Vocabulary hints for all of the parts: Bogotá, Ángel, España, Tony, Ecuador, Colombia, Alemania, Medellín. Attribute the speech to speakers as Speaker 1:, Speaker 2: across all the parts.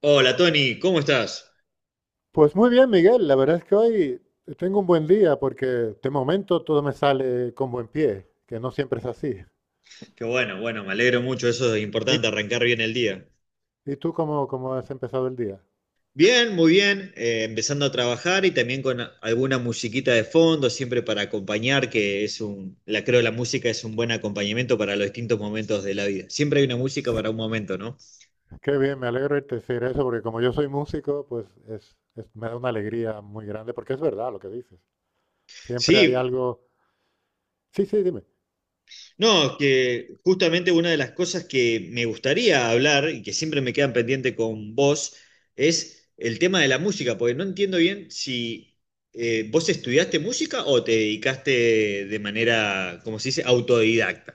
Speaker 1: Hola Tony, ¿cómo estás?
Speaker 2: Pues muy bien, Miguel. La verdad es que hoy tengo un buen día porque de momento todo me sale con buen pie, que no siempre es así.
Speaker 1: Qué bueno, bueno, me alegro mucho, eso es
Speaker 2: ¿Y,
Speaker 1: importante, arrancar bien el día.
Speaker 2: y tú cómo has empezado el día?
Speaker 1: Bien, muy bien, empezando a trabajar y también con alguna musiquita de fondo, siempre para acompañar, que es un, la creo la música es un buen acompañamiento para los distintos momentos de la vida. Siempre hay una música para un momento, ¿no?
Speaker 2: Qué bien, me alegro de te decir eso porque como yo soy músico, me da una alegría muy grande porque es verdad lo que dices. Siempre hay
Speaker 1: Sí.
Speaker 2: algo. Sí, sí, dime.
Speaker 1: No, que justamente una de las cosas que me gustaría hablar y que siempre me quedan pendiente con vos es el tema de la música, porque no entiendo bien si vos estudiaste música o te dedicaste de manera, como se dice, autodidacta.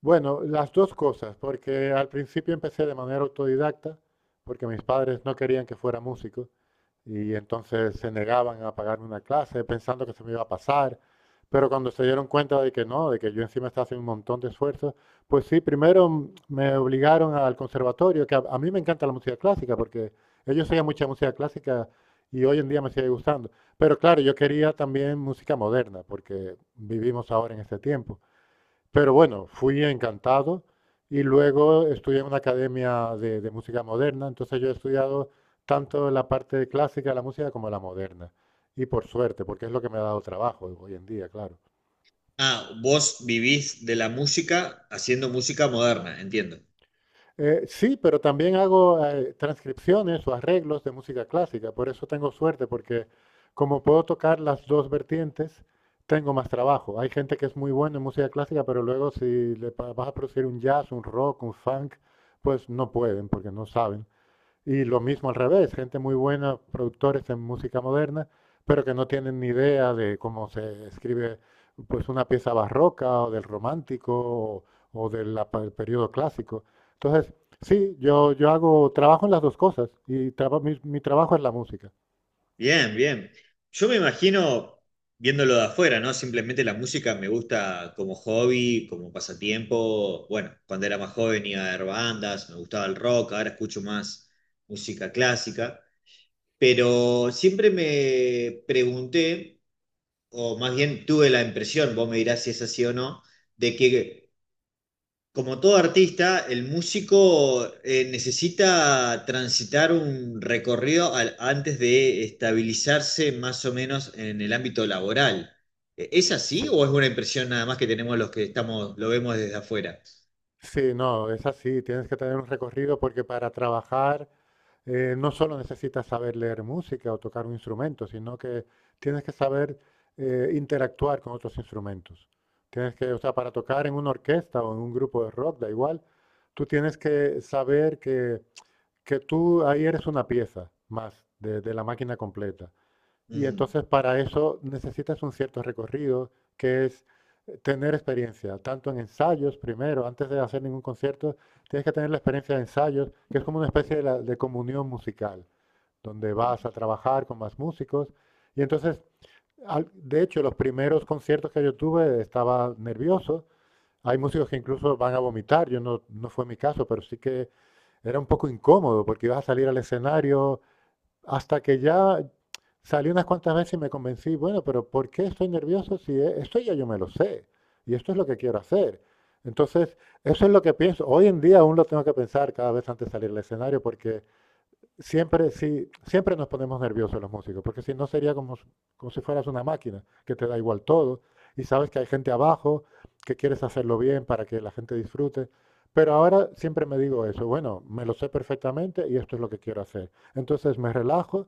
Speaker 2: Bueno, las dos cosas, porque al principio empecé de manera autodidacta porque mis padres no querían que fuera músico, y entonces se negaban a pagarme una clase pensando que se me iba a pasar, pero cuando se dieron cuenta de que no, de que yo encima estaba haciendo un montón de esfuerzos, pues sí, primero me obligaron al conservatorio, que a mí me encanta la música clásica, porque ellos oían mucha música clásica y hoy en día me sigue gustando. Pero claro, yo quería también música moderna, porque vivimos ahora en este tiempo. Pero bueno, fui encantado y luego estudié en una academia de música moderna. Entonces yo he estudiado tanto la parte clásica de la música como la moderna. Y por suerte, porque es lo que me ha dado trabajo hoy en día, claro.
Speaker 1: Ah, vos vivís de la música haciendo música moderna, entiendo.
Speaker 2: Sí, pero también hago transcripciones o arreglos de música clásica. Por eso tengo suerte, porque como puedo tocar las dos vertientes, tengo más trabajo. Hay gente que es muy buena en música clásica, pero luego si vas a producir un jazz, un rock, un funk, pues no pueden, porque no saben. Y lo mismo al revés, gente muy buena, productores en música moderna, pero que no tienen ni idea de cómo se escribe pues una pieza barroca o del romántico o, periodo clásico. Entonces, sí, yo trabajo en las dos cosas y mi trabajo es la música.
Speaker 1: Bien, bien. Yo me imagino viéndolo de afuera, ¿no? Simplemente la música me gusta como hobby, como pasatiempo. Bueno, cuando era más joven iba a ver bandas, me gustaba el rock, ahora escucho más música clásica. Pero siempre me pregunté, o más bien tuve la impresión, vos me dirás si es así o no, de que como todo artista, el músico necesita transitar un recorrido antes de estabilizarse más o menos en el ámbito laboral. ¿Es así
Speaker 2: Sí,
Speaker 1: o es una impresión nada más que tenemos los que estamos, lo vemos desde afuera?
Speaker 2: sí, no, es así, tienes que tener un recorrido porque para trabajar, no solo necesitas saber leer música o tocar un instrumento, sino que tienes que saber interactuar con otros instrumentos. Tienes que, o sea, para tocar en una orquesta o en un grupo de rock, da igual, tú tienes que saber que tú ahí eres una pieza más de la máquina completa. Y
Speaker 1: Ujú.
Speaker 2: entonces para eso necesitas un cierto recorrido, que es tener experiencia, tanto en ensayos primero, antes de hacer ningún concierto. Tienes que tener la experiencia de ensayos, que es como una especie de comunión musical, donde vas a trabajar con más músicos. Y entonces, de hecho, los primeros conciertos que yo tuve estaba nervioso. Hay músicos que incluso van a vomitar, yo no, no fue mi caso, pero sí que era un poco incómodo porque ibas a salir al escenario, hasta que ya salí unas cuantas veces y me convencí, bueno, pero ¿por qué estoy nervioso si esto ya yo me lo sé? Y esto es lo que quiero hacer. Entonces, eso es lo que pienso. Hoy en día aún lo tengo que pensar cada vez antes de salir al escenario porque siempre, sí, siempre nos ponemos nerviosos los músicos, porque si no sería como si fueras una máquina, que te da igual todo, y sabes que hay gente abajo, que quieres hacerlo bien para que la gente disfrute. Pero ahora siempre me digo eso, bueno, me lo sé perfectamente y esto es lo que quiero hacer. Entonces me relajo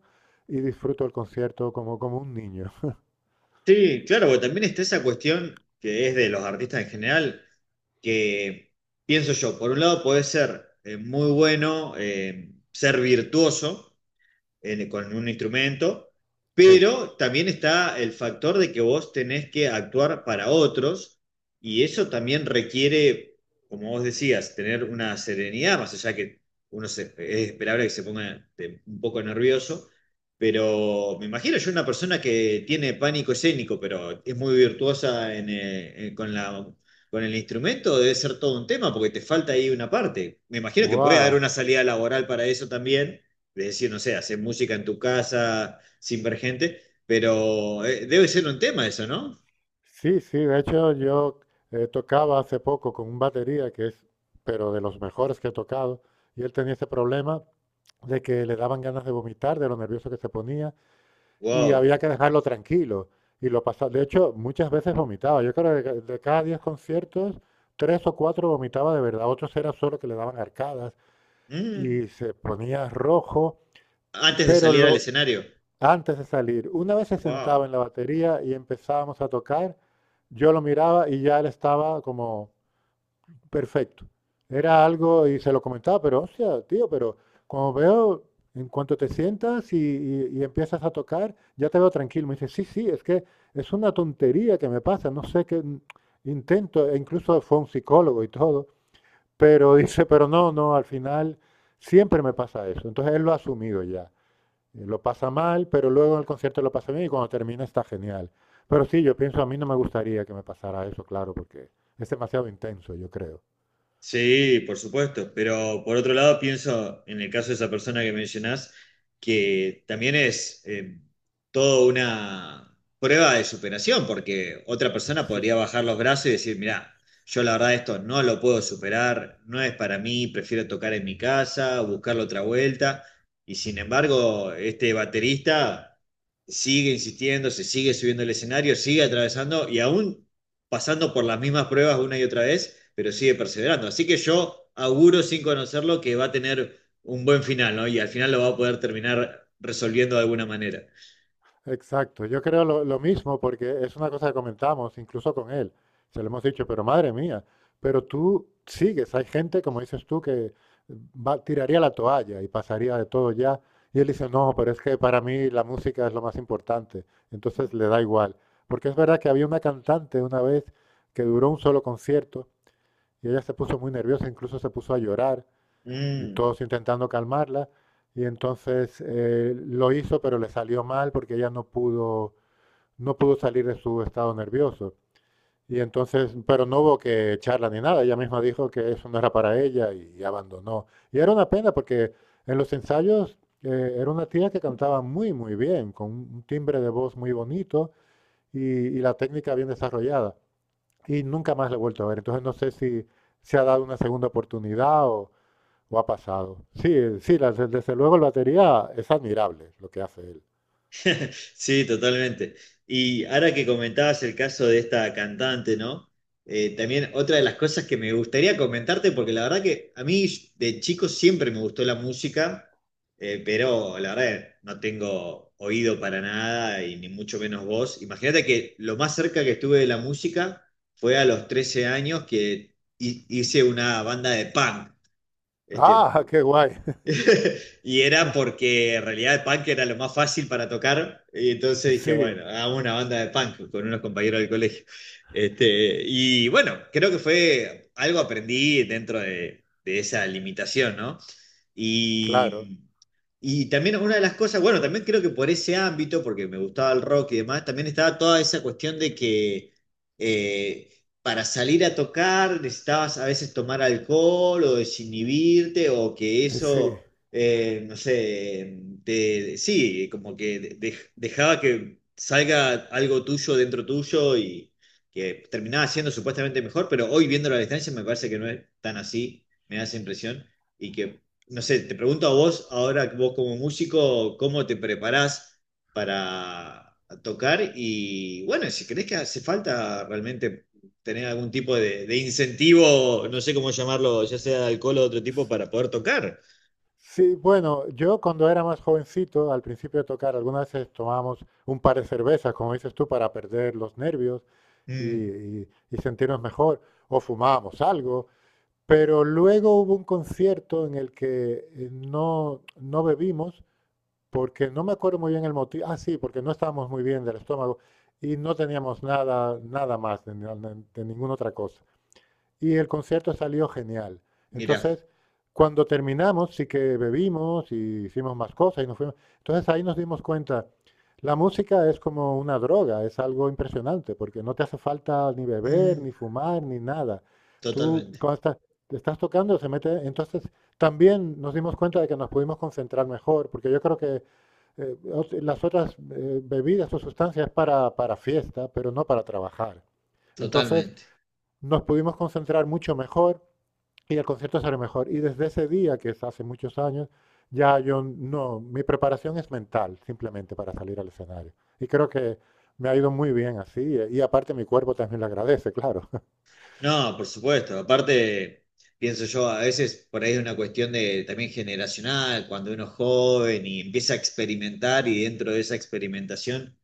Speaker 2: y disfruto el concierto como, como un niño.
Speaker 1: Sí, claro, porque también está esa cuestión que es de los artistas en general, que pienso yo, por un lado puede ser muy bueno, ser virtuoso con un instrumento,
Speaker 2: Sí.
Speaker 1: pero también está el factor de que vos tenés que actuar para otros y eso también requiere, como vos decías, tener una serenidad, más allá que es esperable que se ponga un poco nervioso, pero me imagino yo una persona que tiene pánico escénico, pero es muy virtuosa en, con la... Con el instrumento debe ser todo un tema porque te falta ahí una parte. Me imagino que puede
Speaker 2: ¡Guau!
Speaker 1: haber una salida laboral para eso también, de decir, no sé, hacer música en tu casa sin ver gente, pero debe ser un tema eso, ¿no?
Speaker 2: Sí, sí, de hecho yo tocaba hace poco con un batería que es, pero de los mejores que he tocado, y él tenía ese problema de que le daban ganas de vomitar, de lo nervioso que se ponía, y
Speaker 1: Wow.
Speaker 2: había que dejarlo tranquilo. Y lo pasaba. De hecho, muchas veces vomitaba. Yo creo que de cada 10 conciertos, tres o cuatro vomitaba de verdad. Otros era solo que le daban arcadas
Speaker 1: Mm.
Speaker 2: y se ponía rojo.
Speaker 1: Antes de
Speaker 2: Pero
Speaker 1: salir al
Speaker 2: lo,
Speaker 1: escenario.
Speaker 2: antes de salir, una vez se sentaba en
Speaker 1: Wow.
Speaker 2: la batería y empezábamos a tocar, yo lo miraba y ya él estaba como perfecto. Era algo, y se lo comentaba, pero hostia, tío, pero como veo, en cuanto te sientas y empiezas a tocar, ya te veo tranquilo. Me dice, sí, sí, es que es una tontería que me pasa, no sé qué, intento, e incluso fue un psicólogo y todo, pero dice, pero no, no, al final siempre me pasa eso. Entonces él lo ha asumido ya. Lo pasa mal, pero luego en el concierto lo pasa bien y cuando termina está genial. Pero sí, yo pienso, a mí no me gustaría que me pasara eso, claro, porque es demasiado intenso, yo creo.
Speaker 1: Sí, por supuesto, pero por otro lado pienso en el caso de esa persona que mencionás, que también es toda una prueba de superación, porque otra persona podría bajar los brazos y decir, mirá, yo la verdad esto no lo puedo superar, no es para mí, prefiero tocar en mi casa, buscarle otra vuelta, y sin embargo este baterista sigue insistiendo, se sigue subiendo al escenario, sigue atravesando y aún pasando por las mismas pruebas una y otra vez, pero sigue perseverando. Así que yo auguro sin conocerlo que va a tener un buen final, ¿no? Y al final lo va a poder terminar resolviendo de alguna manera.
Speaker 2: Exacto, yo creo lo mismo porque es una cosa que comentamos incluso con él. Se lo hemos dicho, pero madre mía, pero tú sigues, hay gente, como dices tú, que tiraría la toalla y pasaría de todo ya. Y él dice, no, pero es que para mí la música es lo más importante. Entonces le da igual. Porque es verdad que había una cantante una vez que duró un solo concierto y ella se puso muy nerviosa, incluso se puso a llorar y
Speaker 1: Mm.
Speaker 2: todos intentando calmarla. Y entonces lo hizo, pero le salió mal porque ella no pudo salir de su estado nervioso. Y entonces, pero no hubo que charla ni nada, ella misma dijo que eso no era para ella y abandonó. Y era una pena porque en los ensayos era una tía que cantaba muy, muy bien, con un timbre de voz muy bonito y, y la técnica bien desarrollada. Y nunca más la he vuelto a ver. Entonces no sé si se ha dado una segunda oportunidad o ha pasado. Sí, sí, desde luego el batería es admirable lo que hace él.
Speaker 1: Sí, totalmente. Y ahora que comentabas el caso de esta cantante, ¿no? También otra de las cosas que me gustaría comentarte, porque la verdad que a mí de chico siempre me gustó la música, pero la verdad no tengo oído para nada y ni mucho menos voz. Imagínate que lo más cerca que estuve de la música fue a los 13 años que hice una banda de punk. Este.
Speaker 2: Ah, qué guay.
Speaker 1: Y era porque en realidad el punk era lo más fácil para tocar. Y entonces dije,
Speaker 2: Sí,
Speaker 1: bueno, hagamos una banda de punk con unos compañeros del colegio. Este, y bueno, creo que fue algo aprendí dentro de esa limitación, ¿no?
Speaker 2: claro.
Speaker 1: Y, y también una de las cosas, bueno, también creo que por ese ámbito, porque me gustaba el rock y demás, también estaba toda esa cuestión de que eh, para salir a tocar necesitabas a veces tomar alcohol o desinhibirte o que
Speaker 2: Sí.
Speaker 1: eso, no sé, sí, como que dejaba que salga algo tuyo dentro tuyo y que terminaba siendo supuestamente mejor, pero hoy viendo la distancia me parece que no es tan así, me da esa impresión, y que, no sé, te pregunto a vos, ahora vos como músico, ¿cómo te preparás para tocar? Y bueno, si crees que hace falta realmente... tener algún tipo de incentivo, no sé cómo llamarlo, ya sea de alcohol o de otro tipo, para poder tocar.
Speaker 2: Sí, bueno, yo cuando era más jovencito, al principio de tocar, algunas veces tomábamos un par de cervezas, como dices tú, para perder los nervios y,
Speaker 1: Mm.
Speaker 2: y sentirnos mejor, o fumábamos algo, pero luego hubo un concierto en el que no, no bebimos, porque no me acuerdo muy bien el motivo, ah, sí, porque no estábamos muy bien del estómago y no teníamos nada, nada más de, ni- de ninguna otra cosa y el concierto salió genial.
Speaker 1: Mirá.
Speaker 2: Entonces, cuando terminamos, sí que bebimos y hicimos más cosas y nos fuimos. Entonces ahí nos dimos cuenta, la música es como una droga, es algo impresionante, porque no te hace falta ni beber,
Speaker 1: Mm,
Speaker 2: ni fumar, ni nada. Tú,
Speaker 1: totalmente,
Speaker 2: cuando estás, te estás tocando, se mete. Entonces, también nos dimos cuenta de que nos pudimos concentrar mejor, porque yo creo que las otras bebidas o sustancias para fiesta, pero no para trabajar. Entonces,
Speaker 1: totalmente.
Speaker 2: nos pudimos concentrar mucho mejor y el concierto salió mejor. Y desde ese día, que es hace muchos años, ya yo no, mi preparación es mental, simplemente para salir al escenario. Y creo que me ha ido muy bien así. Y aparte mi cuerpo también lo agradece, claro.
Speaker 1: No, por supuesto. Aparte, pienso yo, a veces por ahí es una cuestión de también generacional, cuando uno es joven y empieza a experimentar y dentro de esa experimentación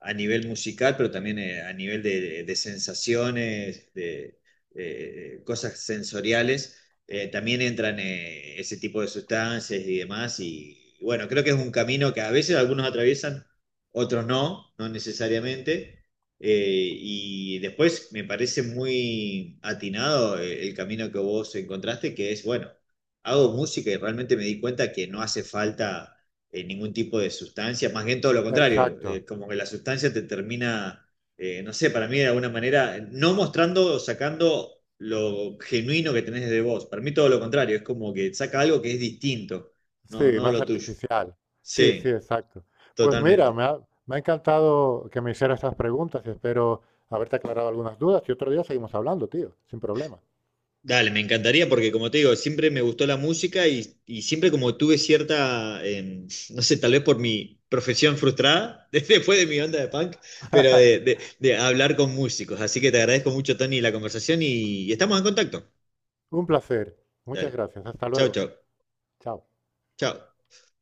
Speaker 1: a nivel musical, pero también a nivel de sensaciones, de cosas sensoriales, también entran ese tipo de sustancias y demás. Y, bueno, creo que es un camino que a veces algunos atraviesan, otros no, no necesariamente. Y después me parece muy atinado el camino que vos encontraste, que es, bueno, hago música y realmente me di cuenta que no hace falta ningún tipo de sustancia, más bien todo lo contrario,
Speaker 2: Exacto.
Speaker 1: como que la sustancia te termina, no sé, para mí de alguna manera, no mostrando o sacando lo genuino que tenés de vos, para mí todo lo contrario, es como que saca algo que es distinto, no,
Speaker 2: Sí,
Speaker 1: no
Speaker 2: más
Speaker 1: lo tuyo.
Speaker 2: artificial. Sí, sí,
Speaker 1: Sí,
Speaker 2: exacto. Pues mira,
Speaker 1: totalmente.
Speaker 2: me ha encantado que me hicieras estas preguntas y espero haberte aclarado algunas dudas. Y otro día seguimos hablando, tío, sin problema.
Speaker 1: Dale, me encantaría porque como te digo, siempre me gustó la música y siempre como tuve cierta, no sé, tal vez por mi profesión frustrada, después de mi onda de punk, pero de, de hablar con músicos. Así que te agradezco mucho, Tony, la conversación y estamos en contacto.
Speaker 2: Un placer. Muchas
Speaker 1: Dale.
Speaker 2: gracias. Hasta
Speaker 1: Chao,
Speaker 2: luego.
Speaker 1: chao.
Speaker 2: Chao.
Speaker 1: Chao.